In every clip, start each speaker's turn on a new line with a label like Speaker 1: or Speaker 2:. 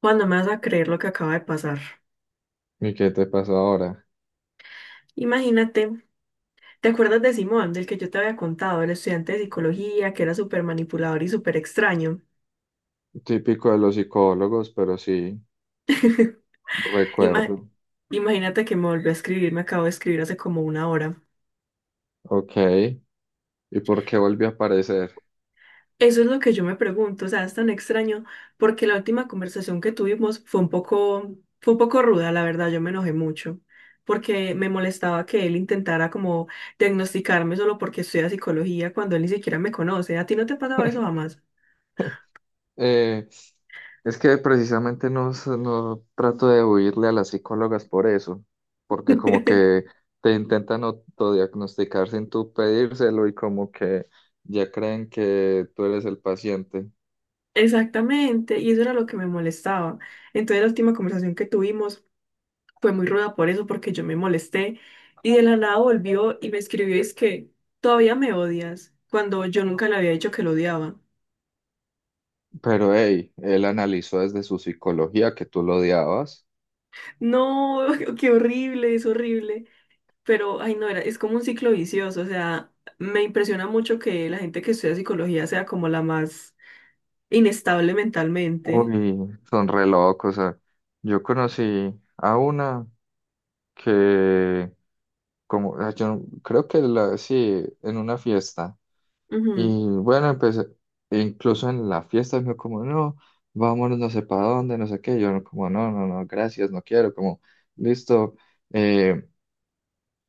Speaker 1: Cuando me vas a creer lo que acaba de pasar.
Speaker 2: ¿Y qué te pasó ahora?
Speaker 1: Imagínate, ¿te acuerdas de Simón, del que yo te había contado, el estudiante de psicología, que era súper manipulador y súper extraño?
Speaker 2: Típico de los psicólogos, pero sí,
Speaker 1: Ima-
Speaker 2: recuerdo.
Speaker 1: imagínate que me volvió a escribir, me acabo de escribir hace como una hora.
Speaker 2: Ok. ¿Y por qué volvió a aparecer?
Speaker 1: Eso es lo que yo me pregunto, o sea, es tan extraño porque la última conversación que tuvimos fue un poco ruda, la verdad, yo me enojé mucho porque me molestaba que él intentara como diagnosticarme solo porque estudia psicología cuando él ni siquiera me conoce. ¿A ti no te pasaba eso jamás?
Speaker 2: Eh, es que precisamente no, no trato de huirle a las psicólogas por eso, porque como que te intentan autodiagnosticar sin tú pedírselo y como que ya creen que tú eres el paciente.
Speaker 1: Exactamente, y eso era lo que me molestaba. Entonces la última conversación que tuvimos fue muy ruda por eso, porque yo me molesté y de la nada volvió y me escribió, es que todavía me odias, cuando yo nunca le había dicho que lo odiaba.
Speaker 2: Pero hey, él analizó desde su psicología que tú lo odiabas.
Speaker 1: No, qué horrible, es horrible. Pero, ay, no, era, es como un ciclo vicioso. O sea, me impresiona mucho que la gente que estudia psicología sea como la más inestable mentalmente.
Speaker 2: Uy, son re locos. O sea, yo conocí a una que, como, yo no- creo que la, sí, en una fiesta.
Speaker 1: Ujú,
Speaker 2: Y bueno, empecé, incluso en la fiesta me dijo como, no, vámonos no sé para dónde, no sé qué. Yo no, como, no, no, no, gracias, no quiero. Como, listo, eh,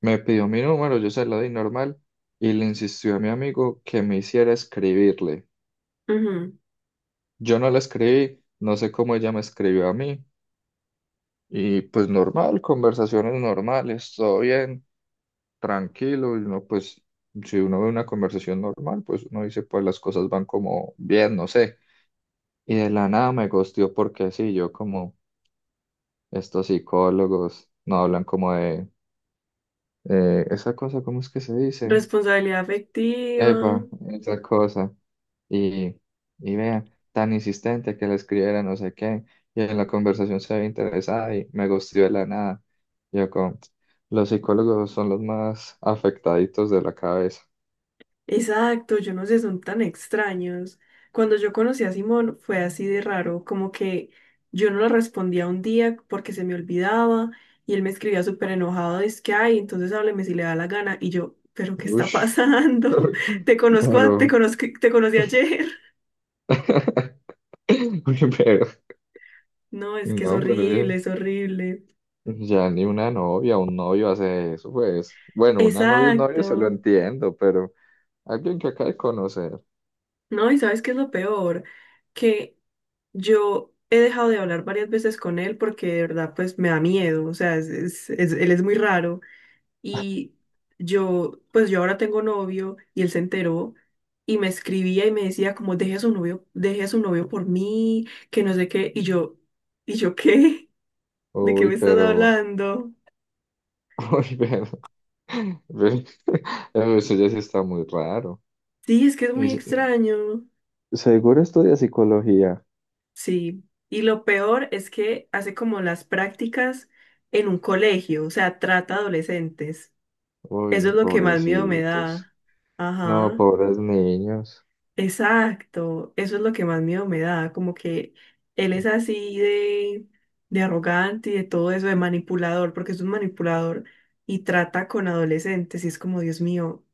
Speaker 2: me pidió mi número, yo se lo di normal y le insistió a mi amigo que me hiciera escribirle.
Speaker 1: ujú.
Speaker 2: Yo no le escribí, no sé cómo ella me escribió a mí. Y pues normal, conversaciones normales, todo bien, tranquilo, y uno pues, si uno ve una conversación normal, pues uno dice, pues las cosas van como bien, no sé. Y de la nada me gosteó porque sí, yo como estos psicólogos no hablan como de esa cosa, ¿cómo es que se dice?
Speaker 1: Responsabilidad afectiva.
Speaker 2: Epa, esa cosa. y, y vea, tan insistente que le escribiera no sé qué, y en la conversación se había interesada y me gustó de la nada. Yo con, los psicólogos son los más afectaditos de la cabeza.
Speaker 1: Exacto, yo no sé, son tan extraños. Cuando yo conocí a Simón fue así de raro, como que yo no le respondía un día porque se me olvidaba y él me escribía súper enojado, es que, ay, entonces hábleme si le da la gana. Y yo, pero ¿qué está
Speaker 2: Ush,
Speaker 1: pasando? Te conozco, te
Speaker 2: pero,
Speaker 1: conozco, te conocí ayer.
Speaker 2: pero,
Speaker 1: No, es que es
Speaker 2: no,
Speaker 1: horrible,
Speaker 2: pero
Speaker 1: es horrible.
Speaker 2: ya ni una novia, un novio hace eso, pues, bueno, una novia, un novio se lo
Speaker 1: Exacto.
Speaker 2: entiendo, pero alguien que acaba de conocer,
Speaker 1: No, y ¿sabes qué es lo peor? Que yo he dejado de hablar varias veces con él porque de verdad pues me da miedo, o sea, es, él es muy raro y yo ahora tengo novio y él se enteró y me escribía y me decía como deje a su novio, deje a su novio por mí, que no sé qué ¿y yo qué? ¿De qué
Speaker 2: uy,
Speaker 1: me estás
Speaker 2: pero...
Speaker 1: hablando?
Speaker 2: Uy, pero, pero- pero eso ya sí está muy raro.
Speaker 1: Sí, es que es
Speaker 2: Y
Speaker 1: muy extraño.
Speaker 2: seguro estudia psicología.
Speaker 1: Sí, y lo peor es que hace como las prácticas en un colegio, o sea, trata adolescentes. Eso es
Speaker 2: Uy,
Speaker 1: lo que más miedo me
Speaker 2: pobrecitos.
Speaker 1: da.
Speaker 2: No,
Speaker 1: Ajá,
Speaker 2: pobres niños.
Speaker 1: exacto. Eso es lo que más miedo me da. Como que él es así de arrogante y de todo eso, de manipulador, porque es un manipulador y trata con adolescentes. Y es como, Dios mío,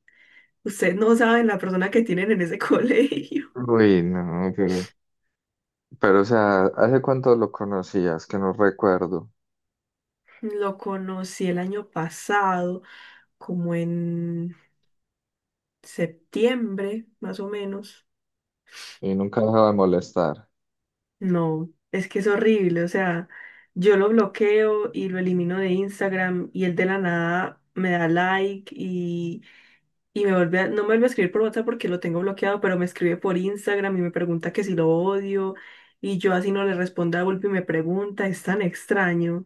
Speaker 1: ustedes no saben la persona que tienen en ese colegio.
Speaker 2: Uy, no, pero, o sea, ¿hace cuánto lo conocías? Que no recuerdo.
Speaker 1: Lo conocí el año pasado, como en septiembre, más o menos.
Speaker 2: Y nunca dejaba de molestar.
Speaker 1: No, es que es horrible, o sea, yo lo bloqueo y lo elimino de Instagram y él de la nada me da like y me vuelve no me vuelve a escribir por WhatsApp porque lo tengo bloqueado, pero me escribe por Instagram y me pregunta que si lo odio y yo así no le respondo a golpe y me pregunta, es tan extraño.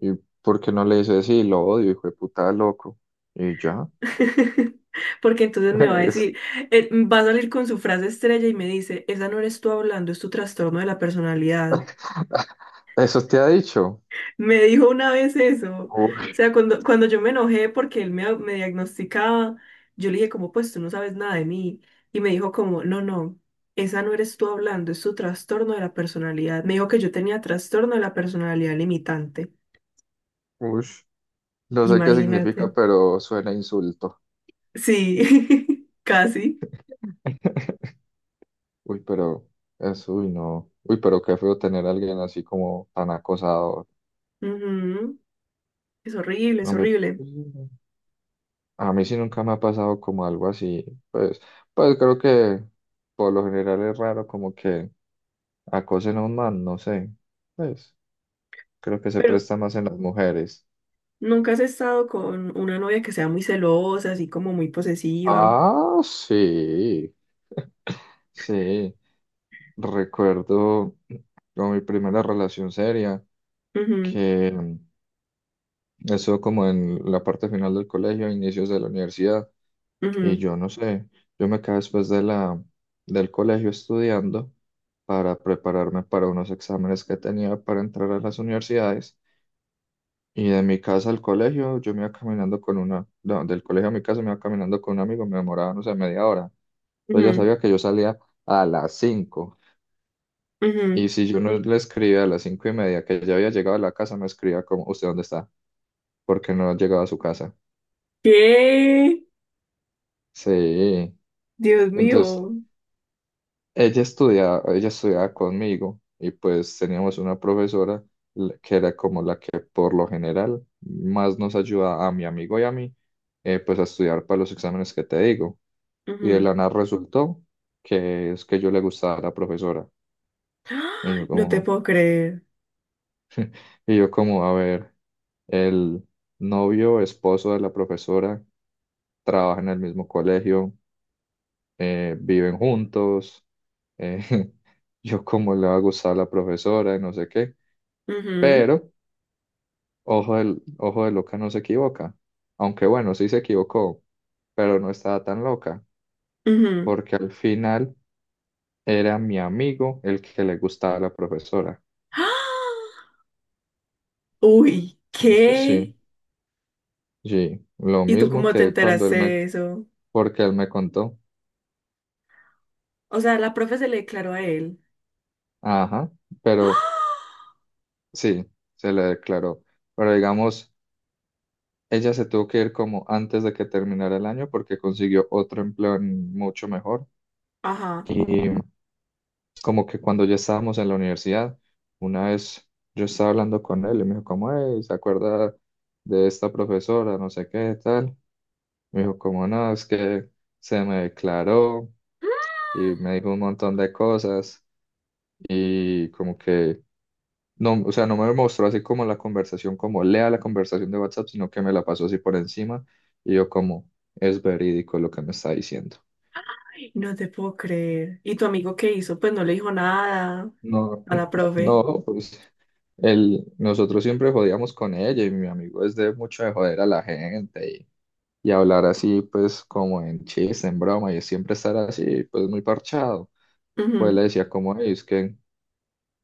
Speaker 2: ¿Y por qué no le dices, sí, lo odio, hijo de puta, loco? Y ya.
Speaker 1: Porque entonces me va a
Speaker 2: Es-
Speaker 1: decir, va a salir con su frase estrella y me dice, esa no eres tú hablando, es tu trastorno de la personalidad.
Speaker 2: ¿Eso te ha dicho?
Speaker 1: Me dijo una vez eso. O
Speaker 2: Uy,
Speaker 1: sea, cuando yo me enojé porque él me diagnosticaba, yo le dije como, pues tú no sabes nada de mí. Y me dijo como, no, no, esa no eres tú hablando, es tu trastorno de la personalidad. Me dijo que yo tenía trastorno de la personalidad limitante.
Speaker 2: ush. No sé qué
Speaker 1: Imagínate.
Speaker 2: significa, pero suena a insulto.
Speaker 1: Sí, casi.
Speaker 2: Uy, pero eso uy, no. Uy, pero qué feo tener a alguien así como tan acosador.
Speaker 1: Ujú. Es horrible, es
Speaker 2: A mí, pues,
Speaker 1: horrible.
Speaker 2: a mí sí nunca me ha pasado como algo así. Pues, pues, creo que por lo general es raro como que acosen a un man, no sé. Pues creo que se
Speaker 1: Pero
Speaker 2: presta más en las mujeres.
Speaker 1: nunca has estado con una novia que sea muy celosa, así como muy posesiva.
Speaker 2: Ah, sí, sí. Recuerdo como mi primera relación seria,
Speaker 1: Ujú,
Speaker 2: que eso como en la parte final del colegio, inicios de la universidad. Y
Speaker 1: ujú,
Speaker 2: yo no sé, yo me quedé después de del colegio estudiando para prepararme para unos exámenes que tenía para entrar a las universidades. Y de mi casa al colegio, yo me iba caminando con una, no, del colegio a mi casa me iba caminando con un amigo, me demoraba, no sé, media hora. Entonces ya
Speaker 1: ujú,
Speaker 2: sabía que yo salía a las 5.
Speaker 1: ujú.
Speaker 2: Y si yo no le escribía a las 5:30 que ya había llegado a la casa, me escribía como, ¿usted dónde está? Porque no llegaba a su casa.
Speaker 1: ¿Qué?
Speaker 2: Sí.
Speaker 1: Dios
Speaker 2: Entonces,
Speaker 1: mío.
Speaker 2: ella estudiaba conmigo y pues teníamos una profesora que era como la que por lo general más nos ayuda a mi amigo y a mí, pues a estudiar para los exámenes que te digo. Y de
Speaker 1: Ujú.
Speaker 2: la nada resultó que es que yo le gustaba a la profesora.
Speaker 1: ¡Ah!
Speaker 2: Y yo
Speaker 1: No te
Speaker 2: como,
Speaker 1: puedo creer.
Speaker 2: y yo como, a ver, el novio, esposo de la profesora, trabaja en el mismo colegio, viven juntos, eh, yo como le va a gustar a la profesora y no sé qué.
Speaker 1: Ujú,
Speaker 2: Pero ojo de loca no se equivoca. Aunque bueno, sí se equivocó, pero no estaba tan loca,
Speaker 1: ujú.
Speaker 2: porque al final era mi amigo el que le gustaba a la profesora.
Speaker 1: ¡Ah! Uy,
Speaker 2: Sí, sí,
Speaker 1: ¿qué?
Speaker 2: sí. Sí, lo
Speaker 1: ¿Y tú
Speaker 2: mismo
Speaker 1: cómo te
Speaker 2: que cuando
Speaker 1: enteraste
Speaker 2: él me,
Speaker 1: de eso?
Speaker 2: porque él me contó.
Speaker 1: O sea, la profe se le declaró a él.
Speaker 2: Ajá, pero
Speaker 1: ¡Ah!
Speaker 2: sí, se le declaró. Pero digamos, ella se tuvo que ir como antes de que terminara el año porque consiguió otro empleo mucho mejor.
Speaker 1: Ajá.
Speaker 2: Y como que cuando ya estábamos en la universidad, una vez yo estaba hablando con él y me dijo, como, "Ey, ¿se acuerda de esta profesora? No sé qué, tal. Me dijo, como, no, es que se me declaró y me dijo un montón de cosas y como que, no, o sea, no me mostró así como la conversación, como lea la conversación de WhatsApp, sino que me la pasó así por encima y yo como, es verídico lo que me está diciendo.
Speaker 1: Ay, no te puedo creer. ¿Y tu amigo qué hizo? Pues no le dijo nada
Speaker 2: No,
Speaker 1: a la profe.
Speaker 2: no, pues nosotros siempre jodíamos con ella y mi amigo es de mucho de joder a la gente y hablar así, pues como en chiste, en broma y siempre estar así, pues muy parchado. Pues
Speaker 1: Ujú.
Speaker 2: le decía como "Ey, es que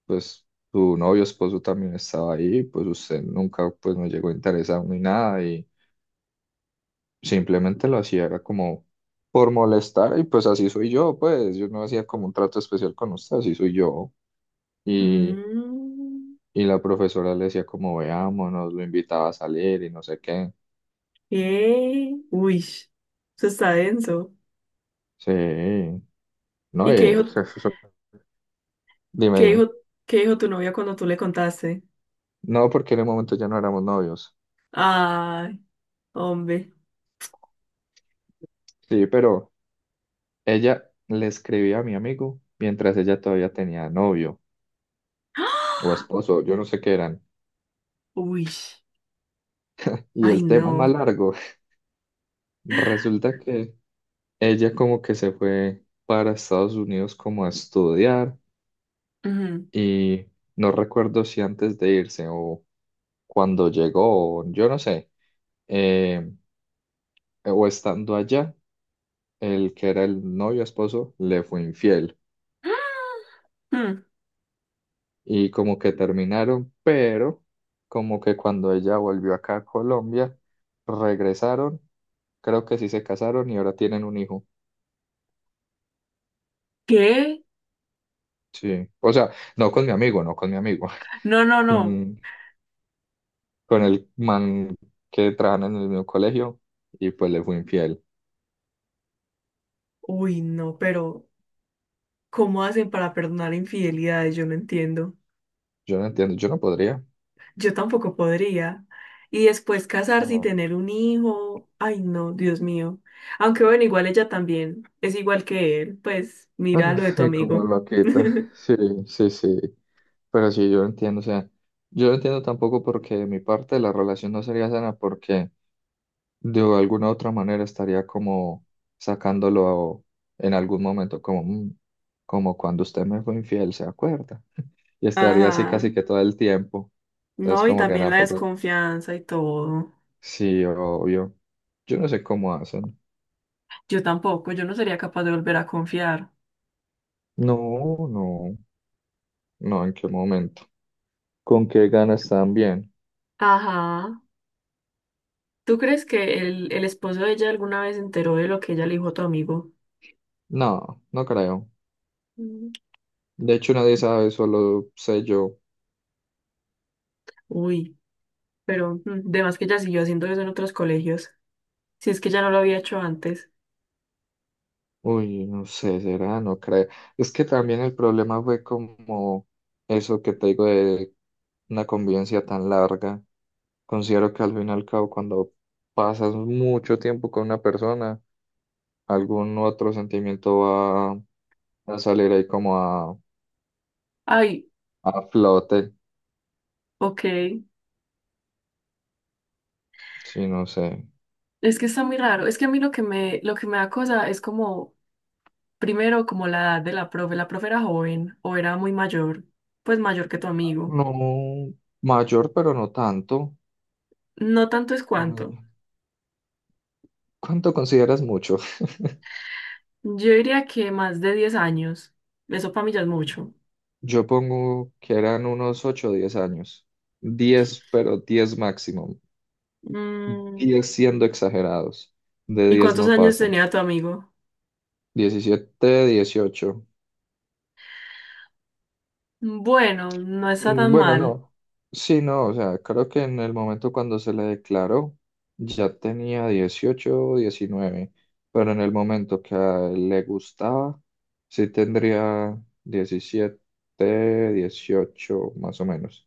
Speaker 2: pues tu novio, esposo también estaba ahí, pues usted nunca pues me llegó a interesar ni nada y simplemente lo hacía, era como por molestar y pues así soy yo, pues yo no hacía como un trato especial con usted, así soy yo.
Speaker 1: Mm,
Speaker 2: Y la profesora le decía como veámonos, lo invitaba a salir y no sé qué.
Speaker 1: ¿qué? Uy, eso está denso.
Speaker 2: Sí, no,
Speaker 1: ¿Y qué dijo,
Speaker 2: dime,
Speaker 1: qué
Speaker 2: dime.
Speaker 1: dijo, qué dijo tu novia cuando tú le contaste?
Speaker 2: No, porque en el momento ya no éramos novios.
Speaker 1: Ay, hombre.
Speaker 2: Sí, pero ella le escribía a mi amigo mientras ella todavía tenía novio o
Speaker 1: ¡Ah!
Speaker 2: esposo, yo no sé qué eran.
Speaker 1: Uy.
Speaker 2: Y
Speaker 1: Ay,
Speaker 2: el tema es más
Speaker 1: no.
Speaker 2: largo. Resulta que ella como que se fue para Estados Unidos como a estudiar
Speaker 1: Ujú.
Speaker 2: y no recuerdo si antes de irse o cuando llegó, o yo no sé. eh, o estando allá, el que era el novio esposo le fue infiel
Speaker 1: Mm,
Speaker 2: y como que terminaron, pero como que cuando ella volvió acá a Colombia, regresaron, creo que sí se casaron y ahora tienen un hijo.
Speaker 1: ¿qué?
Speaker 2: Sí, o sea, no con mi amigo, no con mi amigo,
Speaker 1: No, no, no.
Speaker 2: con, con el man que trabaja en el mismo colegio y pues le fue infiel.
Speaker 1: Uy, no, pero ¿cómo hacen para perdonar infidelidades? Yo no entiendo.
Speaker 2: Yo no entiendo, yo no podría.
Speaker 1: Yo tampoco podría. Y después casarse y
Speaker 2: No.
Speaker 1: tener un hijo. Ay, no, Dios mío. Aunque bueno, igual ella también es igual que él. Pues
Speaker 2: Ah,
Speaker 1: mira lo de tu
Speaker 2: sí como
Speaker 1: amigo.
Speaker 2: loquita. Sí, sí, sí. Pero sí, yo entiendo, o sea, yo entiendo tampoco porque de mi parte la relación no sería sana porque de alguna otra manera estaría como sacándolo en algún momento, como, "Mm, como cuando usted me fue infiel, ¿se acuerda? Y estaría así
Speaker 1: Ajá.
Speaker 2: casi que todo el tiempo. Entonces
Speaker 1: No, y
Speaker 2: como que
Speaker 1: también la
Speaker 2: tampoco,
Speaker 1: desconfianza y todo.
Speaker 2: sí, obvio. Yo no sé cómo hacen.
Speaker 1: Yo tampoco, yo no sería capaz de volver a confiar.
Speaker 2: No, no, no, ¿en qué momento? ¿Con qué ganas están bien?
Speaker 1: Ajá. ¿Tú crees que el esposo de ella alguna vez se enteró de lo que ella le dijo a tu amigo?
Speaker 2: No, no creo.
Speaker 1: Mm.
Speaker 2: De hecho nadie sabe, solo sé yo.
Speaker 1: Uy, pero mm, de más que ella siguió haciendo eso en otros colegios. Si es que ya no lo había hecho antes.
Speaker 2: Uy, no sé, será, no creo. Es que también el problema fue como eso que te digo de una convivencia tan larga. Considero que al fin y al cabo, cuando pasas mucho tiempo con una persona, algún otro sentimiento va a salir ahí como a,
Speaker 1: Ay,
Speaker 2: flote.
Speaker 1: ok.
Speaker 2: Sí, no sé.
Speaker 1: Es que está muy raro. Es que a mí lo que lo que me da cosa es como, primero, como la edad de la profe. La profe era joven o era muy mayor, pues mayor que tu amigo.
Speaker 2: No mayor, pero no tanto.
Speaker 1: No tanto es cuanto.
Speaker 2: Con- ¿Cuánto consideras mucho?
Speaker 1: Yo diría que más de 10 años. Eso para mí ya es mucho.
Speaker 2: Yo pongo que eran unos 8 o 10 años. 10 pero 10 máximo.
Speaker 1: Mm,
Speaker 2: 10 siendo exagerados. De
Speaker 1: ¿y
Speaker 2: 10
Speaker 1: cuántos
Speaker 2: no
Speaker 1: años
Speaker 2: pasa.
Speaker 1: tenía tu amigo?
Speaker 2: 17, 18.
Speaker 1: Bueno, no está
Speaker 2: Mm,
Speaker 1: tan
Speaker 2: bueno,
Speaker 1: mal.
Speaker 2: no. Sí, no, o sea, creo que en el momento cuando se le declaró ya tenía 18, o 19, pero en el momento que a él le gustaba, sí tendría 17, 18 más o menos.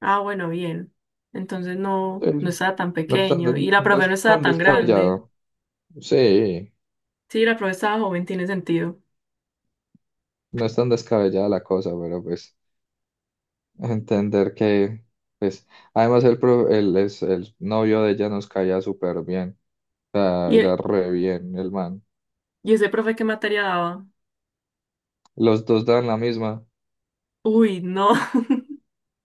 Speaker 1: Ah, bueno, bien. Entonces
Speaker 2: Sí,
Speaker 1: no, no
Speaker 2: sí.
Speaker 1: estaba tan
Speaker 2: No es tan,
Speaker 1: pequeño. Y la
Speaker 2: no
Speaker 1: profe no
Speaker 2: es
Speaker 1: estaba
Speaker 2: tan
Speaker 1: tan grande.
Speaker 2: descabellado. Sí,
Speaker 1: Sí, la profe estaba joven, tiene sentido.
Speaker 2: no es tan descabellada la cosa, pero pues... Entender que, pues, además el, pro- el, es, el novio de ella nos caía súper bien, o sea,
Speaker 1: ¿Y,
Speaker 2: era re bien el man.
Speaker 1: y ese profe qué materia daba?
Speaker 2: Los dos dan la misma,
Speaker 1: Uy, no.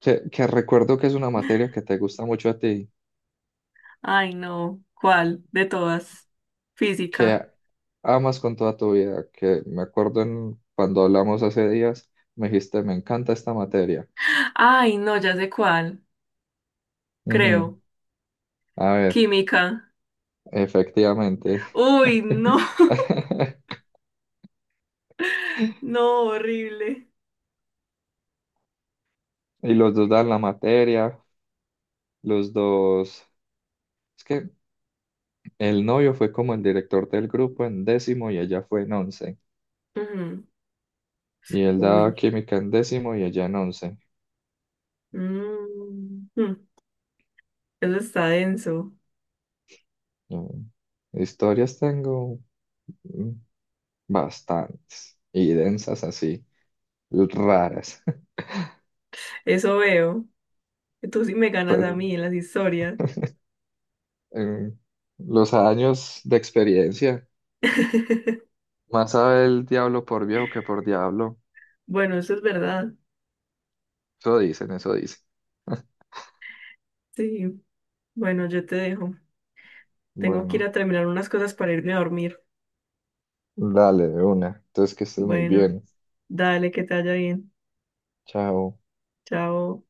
Speaker 2: que recuerdo que es una materia que te gusta mucho a ti,
Speaker 1: Ay, no. ¿Cuál? De todas.
Speaker 2: que
Speaker 1: Física.
Speaker 2: amas con toda tu vida, que me acuerdo cuando hablamos hace días, me dijiste, me encanta esta materia.
Speaker 1: Ay, no, ya sé cuál.
Speaker 2: Ujú.
Speaker 1: Creo.
Speaker 2: A ver,
Speaker 1: Química.
Speaker 2: efectivamente.
Speaker 1: Uy, no. No, horrible.
Speaker 2: Y los dos dan la materia, los dos... es que el novio fue como el director del grupo en décimo y ella fue en once.
Speaker 1: Ujú.
Speaker 2: Y él daba
Speaker 1: Uy.
Speaker 2: química en décimo y ella en once.
Speaker 1: Mm. Eso está denso.
Speaker 2: Mm, Historias tengo, mm, bastantes y densas así, raras.
Speaker 1: Eso veo. Tú sí me ganas a
Speaker 2: Pero
Speaker 1: mí en las historias.
Speaker 2: en los años de experiencia, más sabe el diablo por viejo que por diablo.
Speaker 1: Bueno, eso es verdad.
Speaker 2: Eso dicen, eso dicen.
Speaker 1: Sí. Bueno, yo te dejo. Tengo que ir
Speaker 2: Bueno,
Speaker 1: a terminar unas cosas para irme a dormir.
Speaker 2: dale de una. Entonces que estés muy
Speaker 1: Bueno,
Speaker 2: bien.
Speaker 1: dale, que te vaya bien.
Speaker 2: Chao.
Speaker 1: Chao.